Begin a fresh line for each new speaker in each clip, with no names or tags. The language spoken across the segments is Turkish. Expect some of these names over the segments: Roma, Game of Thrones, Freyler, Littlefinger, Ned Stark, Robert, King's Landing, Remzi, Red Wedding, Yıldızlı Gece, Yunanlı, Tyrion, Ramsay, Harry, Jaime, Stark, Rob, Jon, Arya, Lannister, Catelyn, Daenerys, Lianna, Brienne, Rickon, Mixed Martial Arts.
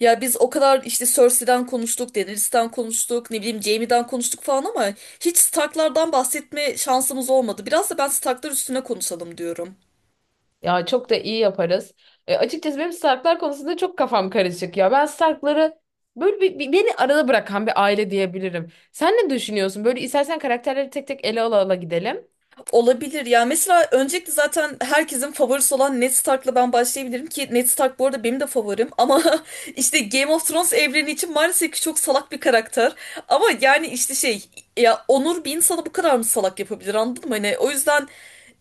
Ya biz o kadar işte Cersei'den konuştuk, Daenerys'ten konuştuk, ne bileyim Jaime'den konuştuk falan ama hiç Stark'lardan bahsetme şansımız olmadı. Biraz da ben Stark'lar üstüne konuşalım diyorum.
Ya çok da iyi yaparız. Açıkçası benim Starklar konusunda çok kafam karışık ya. Ben Starkları böyle beni arada bırakan bir aile diyebilirim. Sen ne düşünüyorsun? Böyle istersen karakterleri tek tek ele ala ala gidelim.
Olabilir ya. Mesela öncelikle zaten herkesin favorisi olan Ned Stark'la ben başlayabilirim ki Ned Stark bu arada benim de favorim ama işte Game of Thrones evreni için maalesef ki çok salak bir karakter. Ama yani işte şey, ya onur bir insanı bu kadar mı salak yapabilir, anladın mı? Hani o yüzden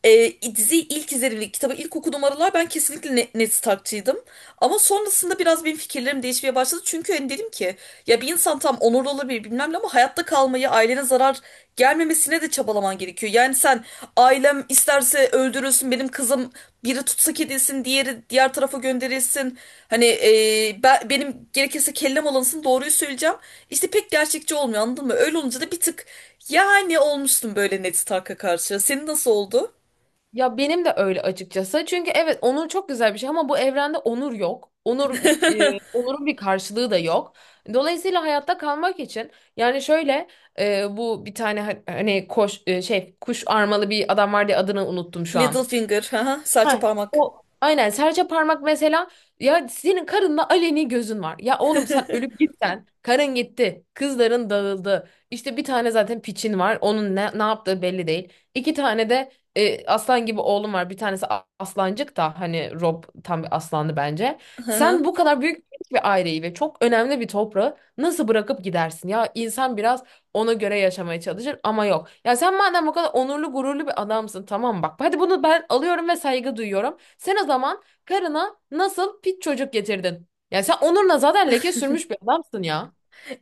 diziyi ilk izlediğimde, kitabı ilk okuduğum aralar ben kesinlikle Ned Stark'çıydım. Ama sonrasında biraz benim fikirlerim değişmeye başladı. Çünkü hani dedim ki ya bir insan tam onurlu olabilir bilmem ne, ama hayatta kalmayı, ailene zarar gelmemesine de çabalaman gerekiyor. Yani sen ailem isterse öldürülsün, benim kızım biri tutsak edilsin, diğeri diğer tarafa gönderilsin. Hani benim gerekirse kellem alınsın, doğruyu söyleyeceğim. İşte pek gerçekçi olmuyor, anladın mı? Öyle olunca da bir tık yani olmuştum böyle Ned Stark'a karşı. Senin nasıl oldu?
Ya benim de öyle açıkçası. Çünkü evet onur çok güzel bir şey ama bu evrende onur yok. Onurun bir karşılığı da yok. Dolayısıyla hayatta kalmak için yani şöyle, bu bir tane hani koş e, şey kuş armalı bir adam vardı ya, adını unuttum şu an.
Littlefinger, hı hı, serçe
Ha,
parmak.
o aynen serçe parmak mesela. Ya senin karınla aleni gözün var. Ya oğlum sen ölüp gitsen karın gitti. Kızların dağıldı. İşte bir tane zaten piçin var. Onun ne yaptığı belli değil. İki tane de aslan gibi oğlum var. Bir tanesi aslancık da hani Rob tam bir aslandı bence. Sen bu kadar büyük bir aileyi ve çok önemli bir toprağı nasıl bırakıp gidersin? Ya insan biraz ona göre yaşamaya çalışır ama yok. Ya sen madem bu kadar onurlu gururlu bir adamsın tamam bak. Hadi bunu ben alıyorum ve saygı duyuyorum. Sen o zaman karına nasıl pit çocuk getirdin? Ya sen onuruna zaten leke sürmüş bir adamsın ya.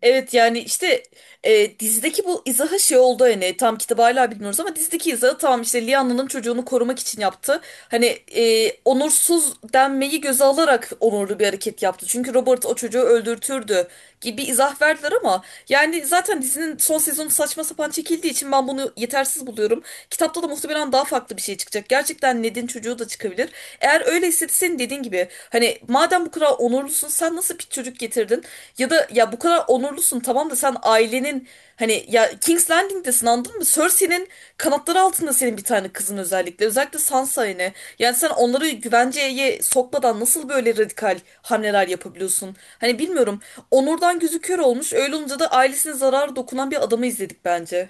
Evet yani işte dizideki bu izaha şey oldu, hani tam kitabı hala bilmiyoruz ama dizideki izahı tamam, işte Lianna'nın çocuğunu korumak için yaptı. Hani onursuz denmeyi göze alarak onurlu bir hareket yaptı. Çünkü Robert o çocuğu öldürtürdü gibi izah verdiler ama yani zaten dizinin son sezonu saçma sapan çekildiği için ben bunu yetersiz buluyorum. Kitapta da muhtemelen daha farklı bir şey çıkacak. Gerçekten Ned'in çocuğu da çıkabilir. Eğer öyleyse senin dediğin gibi hani madem bu kadar onurlusun, sen nasıl bir çocuk getirdin? Ya da ya bu kadar onurlusun tamam da sen ailenin hani ya King's Landing'desin, anladın mı? Cersei'nin kanatları altında senin bir tane kızın özellikle. Özellikle Sansa yine. Yani sen onları güvenceye sokmadan nasıl böyle radikal hamleler yapabiliyorsun? Hani bilmiyorum. Onurdan gözü kör olmuş. Öyle olunca da ailesine zarar dokunan bir adamı izledik bence.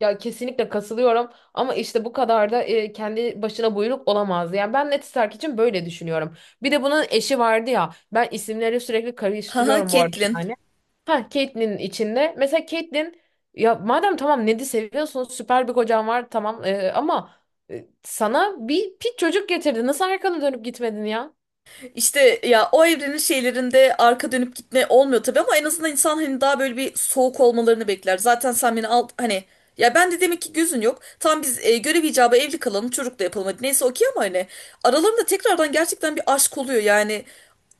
Ya kesinlikle kasılıyorum ama işte bu kadar da kendi başına buyruk olamaz. Yani ben Neti Stark için böyle düşünüyorum. Bir de bunun eşi vardı ya. Ben isimleri sürekli
Haha,
karıştırıyorum bu arada
Catelyn.
yani. Ha, Catelyn içinde. Mesela Catelyn, ya madem tamam Ned'i seviyorsun süper bir kocan var tamam, ama sana bir pit çocuk getirdi. Nasıl arkana dönüp gitmedin ya?
İşte ya o evrenin şeylerinde arka dönüp gitme olmuyor tabii, ama en azından insan hani daha böyle bir soğuk olmalarını bekler. Zaten sen beni al hani, ya ben de demek ki gözün yok. Tam biz görev icabı evli kalalım, çocuk da yapalım, hadi neyse okey, ama hani aralarında tekrardan gerçekten bir aşk oluyor yani.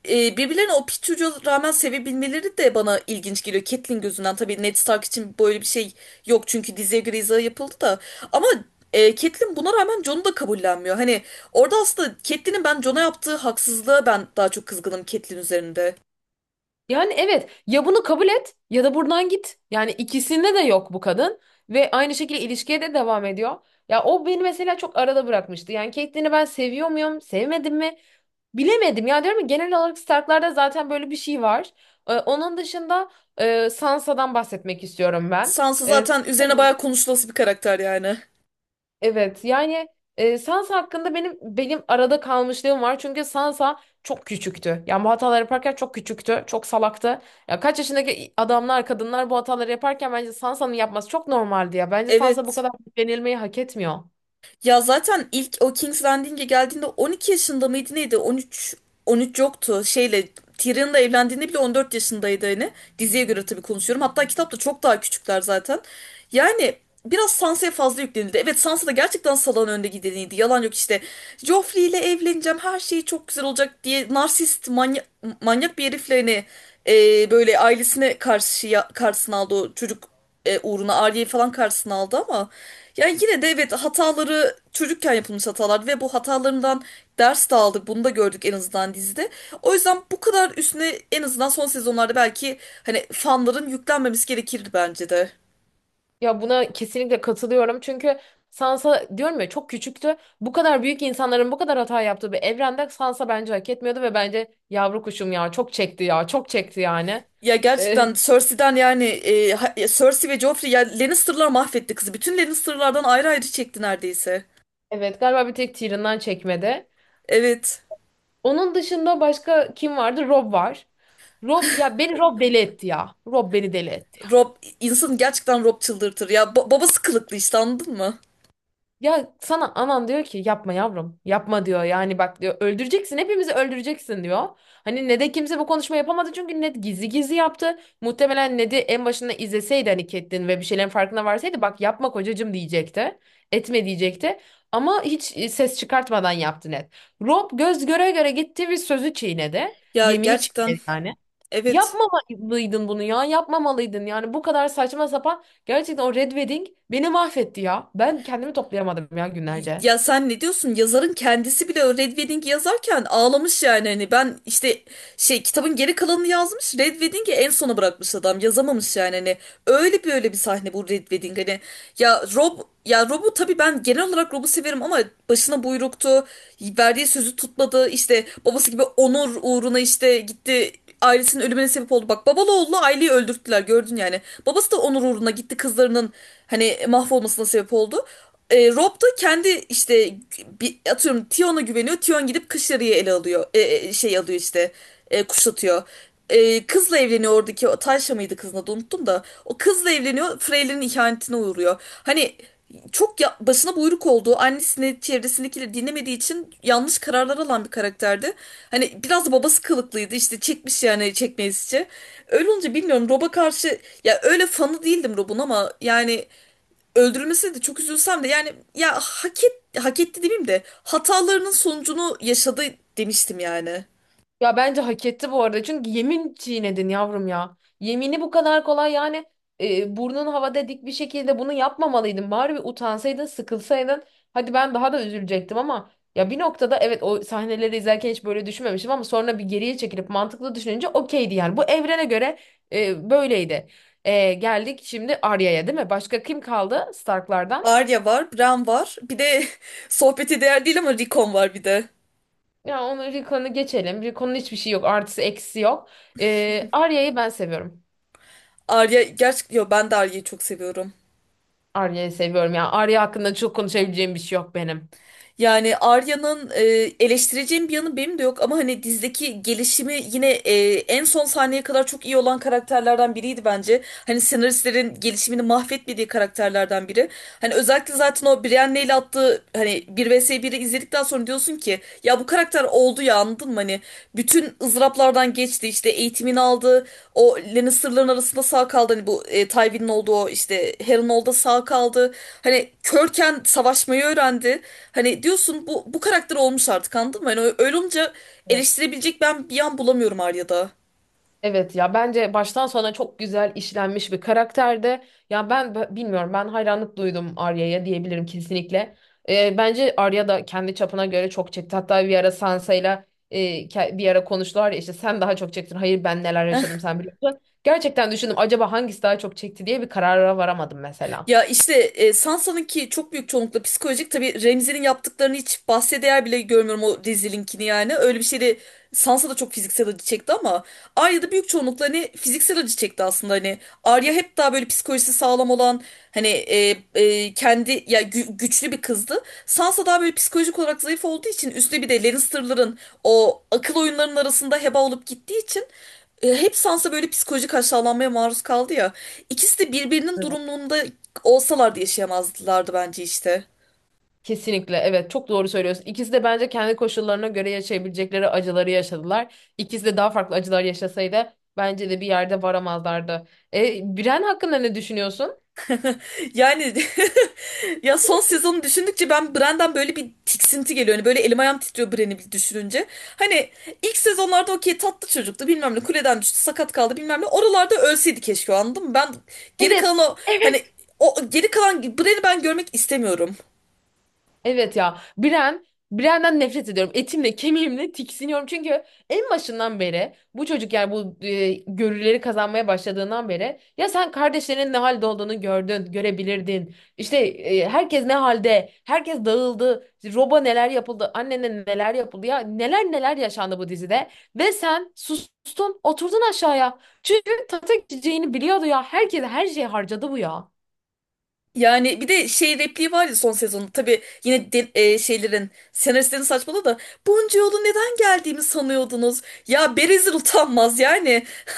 Birbirlerine o Pitu'ya rağmen sevebilmeleri de bana ilginç geliyor. Catelyn gözünden tabii Ned Stark için böyle bir şey yok, çünkü diziye göre izah yapıldı da. Ama Catelyn buna rağmen Jon'u da kabullenmiyor. Hani orada aslında Catelyn'in ben Jon'a yaptığı haksızlığa ben daha çok kızgınım Catelyn üzerinde.
Yani evet ya bunu kabul et ya da buradan git. Yani ikisinde de yok bu kadın ve aynı şekilde ilişkiye de devam ediyor. Ya o beni mesela çok arada bırakmıştı. Yani Caitlyn'i ben seviyor muyum, sevmedim mi bilemedim. Ya diyorum ya genel olarak Stark'larda zaten böyle bir şey var. Onun dışında Sansa'dan bahsetmek istiyorum ben.
Sansa
Ee,
zaten üzerine bayağı konuşulası bir karakter yani.
Evet yani, Sansa hakkında benim arada kalmışlığım var. Çünkü Sansa çok küçüktü. Yani bu hataları yaparken çok küçüktü. Çok salaktı. Ya kaç yaşındaki adamlar, kadınlar bu hataları yaparken bence Sansa'nın yapması çok normaldi ya. Bence Sansa bu
Evet.
kadar denilmeyi hak etmiyor.
Ya zaten ilk o King's Landing'e geldiğinde 12 yaşında mıydı neydi? 13, yoktu. Şeyle Tyrion'la evlendiğinde bile 14 yaşındaydı hani. Diziye göre tabii konuşuyorum. Hatta kitapta çok daha küçükler zaten. Yani biraz Sansa'ya fazla yüklenildi. Evet Sansa da gerçekten salağın önde gideniydi. Yalan yok işte. Joffrey ile evleneceğim. Her şey çok güzel olacak diye narsist manyak, manyak bir herifle hani böyle ailesine karşı karşısına aldı o çocuk, uğruna Arya'yı falan karşısına aldı, ama yani yine de evet hataları çocukken yapılmış hatalar ve bu hatalarından ders de aldık. Bunu da gördük en azından dizide. O yüzden bu kadar üstüne en azından son sezonlarda belki hani fanların yüklenmemesi gerekirdi bence de.
Ya buna kesinlikle katılıyorum. Çünkü Sansa diyorum ya çok küçüktü. Bu kadar büyük insanların bu kadar hata yaptığı bir evrende Sansa bence hak etmiyordu ve bence yavru kuşum ya çok çekti ya çok çekti yani.
Ya
E,
gerçekten Cersei'den yani ya Cersei ve Joffrey, ya Lannister'lar mahvetti kızı. Bütün Lannister'lardan ayrı ayrı çekti neredeyse.
evet galiba bir tek Tyrion'dan çekmedi.
Evet.
Onun dışında başka kim vardı? Rob var. Rob ya beni Rob deli etti ya. Rob beni deli etti ya.
Rob insanı gerçekten, Rob çıldırtır. Ya babası kılıklı işte, anladın mı?
Ya sana anan diyor ki yapma yavrum. Yapma diyor. Yani bak diyor öldüreceksin hepimizi öldüreceksin diyor. Hani ne kimse bu konuşma yapamadı çünkü Ned gizli gizli yaptı. Muhtemelen Ned'i en başında izleseydi hani Catelyn ve bir şeylerin farkına varsaydı bak yapma kocacığım diyecekti. Etme diyecekti. Ama hiç ses çıkartmadan yaptı Ned. Rob göz göre göre gitti ve sözü çiğnedi.
Ya
Yemini
gerçekten
çiğnedi yani.
evet.
Yapmamalıydın bunu ya. Yapmamalıydın. Yani bu kadar saçma sapan. Gerçekten o Red Wedding beni mahvetti ya. Ben kendimi toplayamadım ya günlerce.
Ya sen ne diyorsun? Yazarın kendisi bile o Red Wedding'i yazarken ağlamış yani. Hani ben işte şey kitabın geri kalanını yazmış. Red Wedding'i en sona bırakmış adam. Yazamamış yani. Hani öyle bir öyle bir sahne bu Red Wedding. Hani ya Rob, ya Rob'u tabii ben genel olarak Rob'u severim ama başına buyruktu. Verdiği sözü tutmadı. İşte babası gibi onur uğruna işte gitti, ailesinin ölümüne sebep oldu. Bak babalı oğlu aileyi öldürttüler, gördün yani. Babası da onur uğruna gitti, kızlarının hani mahvolmasına sebep oldu. Rob da kendi işte bir, atıyorum Tion'a güveniyor. Tion gidip Kışlari'yi ele alıyor. Şey alıyor işte. Kuşatıyor. Kızla evleniyor, oradaki o Tayşa mıydı kızın adı, unuttum da. O kızla evleniyor. Freyler'in ihanetine uğruyor. Hani çok ya, başına buyruk olduğu, annesini çevresindekileri dinlemediği için yanlış kararlar alan bir karakterdi. Hani biraz da babası kılıklıydı, işte çekmiş yani çekmeyizce. Öyle olunca bilmiyorum, Rob'a karşı ya öyle fanı değildim Rob'un ama yani öldürülmesine de çok üzülsem de yani ya hak etti demeyeyim de hatalarının sonucunu yaşadı demiştim yani.
Ya bence hak etti bu arada. Çünkü yemin çiğnedin yavrum ya. Yemini bu kadar kolay yani, burnun havada dik bir şekilde bunu yapmamalıydın. Bari bir utansaydın, sıkılsaydın. Hadi ben daha da üzülecektim ama ya bir noktada evet o sahneleri izlerken hiç böyle düşünmemiştim ama sonra bir geriye çekilip mantıklı düşününce okeydi yani. Bu evrene göre böyleydi. E, geldik şimdi Arya'ya değil mi? Başka kim kaldı Stark'lardan?
Arya var, Bran var. Bir de sohbete değer değil ama Rickon var bir de.
Ya onu, Rickon'u geçelim. Rickon'un hiçbir şey yok. Artısı eksisi yok. E, Arya'yı ben seviyorum.
Arya gerçek, yo ben de Arya'yı çok seviyorum.
Arya'yı seviyorum ya. Arya hakkında çok konuşabileceğim bir şey yok benim.
Yani Arya'nın eleştireceğim bir yanı benim de yok, ama hani dizdeki gelişimi yine en son sahneye kadar çok iyi olan karakterlerden biriydi bence. Hani senaristlerin gelişimini mahvetmediği karakterlerden biri. Hani özellikle zaten o Brienne'le ile attığı hani bir vs biri izledikten sonra diyorsun ki ya bu karakter oldu ya, anladın mı? Hani bütün ızraplardan geçti, işte eğitimini aldı, o Lannister'ların arasında sağ kaldı, hani bu Tywin'in olduğu o işte Harry'nin olduğu sağ kaldı, hani körken savaşmayı öğrendi, hani diyorsun bu bu karakter olmuş artık, anladın mı? Hani öyle olunca
Evet.
eleştirebilecek ben bir yan bulamıyorum Arya'da.
Evet ya bence baştan sona çok güzel işlenmiş bir karakterde. Ya ben bilmiyorum, ben hayranlık duydum Arya'ya diyebilirim kesinlikle. Bence Arya da kendi çapına göre çok çekti. Hatta bir ara Sansa'yla, e, bir ara konuştular ya işte sen daha çok çektin. Hayır ben neler yaşadım sen biliyorsun. Gerçekten düşündüm acaba hangisi daha çok çekti diye, bir karara varamadım mesela.
Ya işte Sansa'nınki çok büyük çoğunlukla psikolojik. Tabii Remzi'nin yaptıklarını hiç bahse değer bile görmüyorum, o rezilinkini yani. Öyle bir şey, Sansa da çok fiziksel acı çekti ama Arya da büyük çoğunlukla hani fiziksel acı çekti aslında hani. Arya hep daha böyle psikolojisi sağlam olan hani kendi ya güçlü bir kızdı. Sansa daha böyle psikolojik olarak zayıf olduğu için üstüne bir de Lannister'ların o akıl oyunlarının arasında heba olup gittiği için hep Sansa böyle psikolojik aşağılanmaya maruz kaldı ya. İkisi de birbirinin
Evet.
durumunda olsalardı yaşayamazlardı bence işte.
Kesinlikle evet çok doğru söylüyorsun. İkisi de bence kendi koşullarına göre yaşayabilecekleri acıları yaşadılar. İkisi de daha farklı acılar yaşasaydı bence de bir yerde varamazlardı. E, Biren hakkında ne düşünüyorsun?
Yani ya son sezonu düşündükçe ben Bran'dan böyle bir tiksinti geliyor. Hani böyle elim ayağım titriyor Bran'i bir düşününce. Hani ilk sezonlarda okey tatlı çocuktu bilmem ne, kuleden düştü sakat kaldı bilmem ne. Oralarda ölseydi keşke o, anladın mı? Ben geri kalan
Evet.
o hani o geri kalan Bran'i ben görmek istemiyorum.
Evet ya Biren'den nefret ediyorum. Etimle kemiğimle tiksiniyorum. Çünkü en başından beri bu çocuk yani bu, görüleri kazanmaya başladığından beri ya sen kardeşlerinin ne halde olduğunu gördün, görebilirdin. İşte herkes ne halde, herkes dağıldı, Rob'a neler yapıldı, annene neler yapıldı, ya neler neler yaşandı bu dizide ve sen sustun, oturdun aşağıya. Çünkü tata gideceğini biliyordu ya. Herkes her şeyi harcadı bu ya.
Yani bir de şey repliği var ya son sezonun. Tabii yine şeylerin senaristlerin saçmalığı da, bunca yolu neden geldiğimi sanıyordunuz? Ya Berezil utanmaz yani.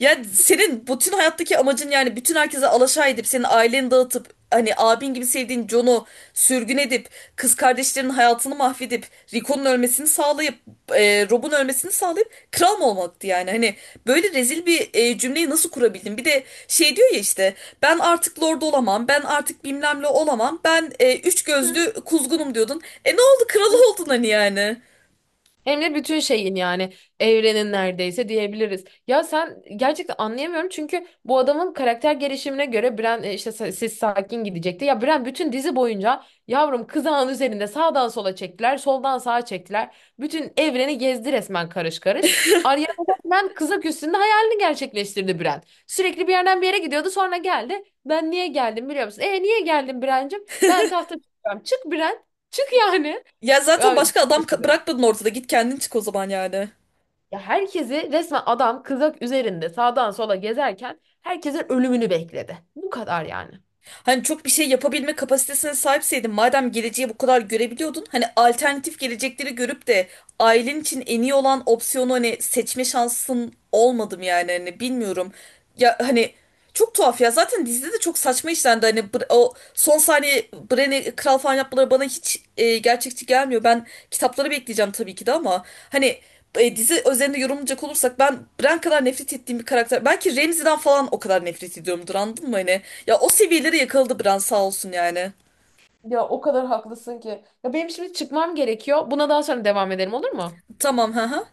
Ya senin bütün hayattaki amacın yani bütün herkese alaşağı edip senin aileni dağıtıp hani abin gibi sevdiğin Jon'u sürgün edip kız kardeşlerinin hayatını mahvedip Rico'nun ölmesini sağlayıp Rob'un ölmesini sağlayıp kral mı olmaktı yani, hani böyle rezil bir cümleyi nasıl kurabildin, bir de şey diyor ya işte ben artık lord olamam. Ben artık bilmem ne olamam. Ben üç gözlü kuzgunum diyordun. E ne oldu?
Hı.
Kralı oldun hani yani.
Hem de bütün şeyin yani evrenin neredeyse diyebiliriz. Ya sen, gerçekten anlayamıyorum çünkü bu adamın karakter gelişimine göre Bran, siz sakin gidecekti. Ya Bran bütün dizi boyunca yavrum kızağın üzerinde sağdan sola çektiler, soldan sağa çektiler. Bütün evreni gezdi resmen karış karış. Arya resmen kızak üstünde hayalini gerçekleştirdi Bran. Sürekli bir yerden bir yere gidiyordu sonra geldi. Ben niye geldim biliyor musun? E niye geldim Bran'cığım? Ben tahta çıkacağım. Çık Bran. Çık yani.
Ya zaten başka adam
Ya,
bırakmadın ortada. Git kendin çık o zaman yani.
ya, herkesi resmen adam kızak üzerinde sağdan sola gezerken herkesin ölümünü bekledi. Bu kadar yani.
Hani çok bir şey yapabilme kapasitesine sahipseydin, madem geleceği bu kadar görebiliyordun, hani alternatif gelecekleri görüp de ailen için en iyi olan opsiyonu hani seçme şansın olmadım yani hani bilmiyorum. Ya hani çok tuhaf ya, zaten dizide de çok saçma işlendi hani o son saniye Bren'i kral falan yapmaları bana hiç gerçekçi gelmiyor. Ben kitapları bekleyeceğim tabii ki de, ama hani dizi özelinde yorumlayacak olursak ben Bran kadar nefret ettiğim bir karakter. Belki Ramsay'den falan o kadar nefret ediyorumdur, anladın mı hani? Ya o seviyelere yakaladı Bran sağ olsun yani.
Ya o kadar haklısın ki. Ya benim şimdi çıkmam gerekiyor. Buna daha sonra devam edelim olur mu?
Tamam ha.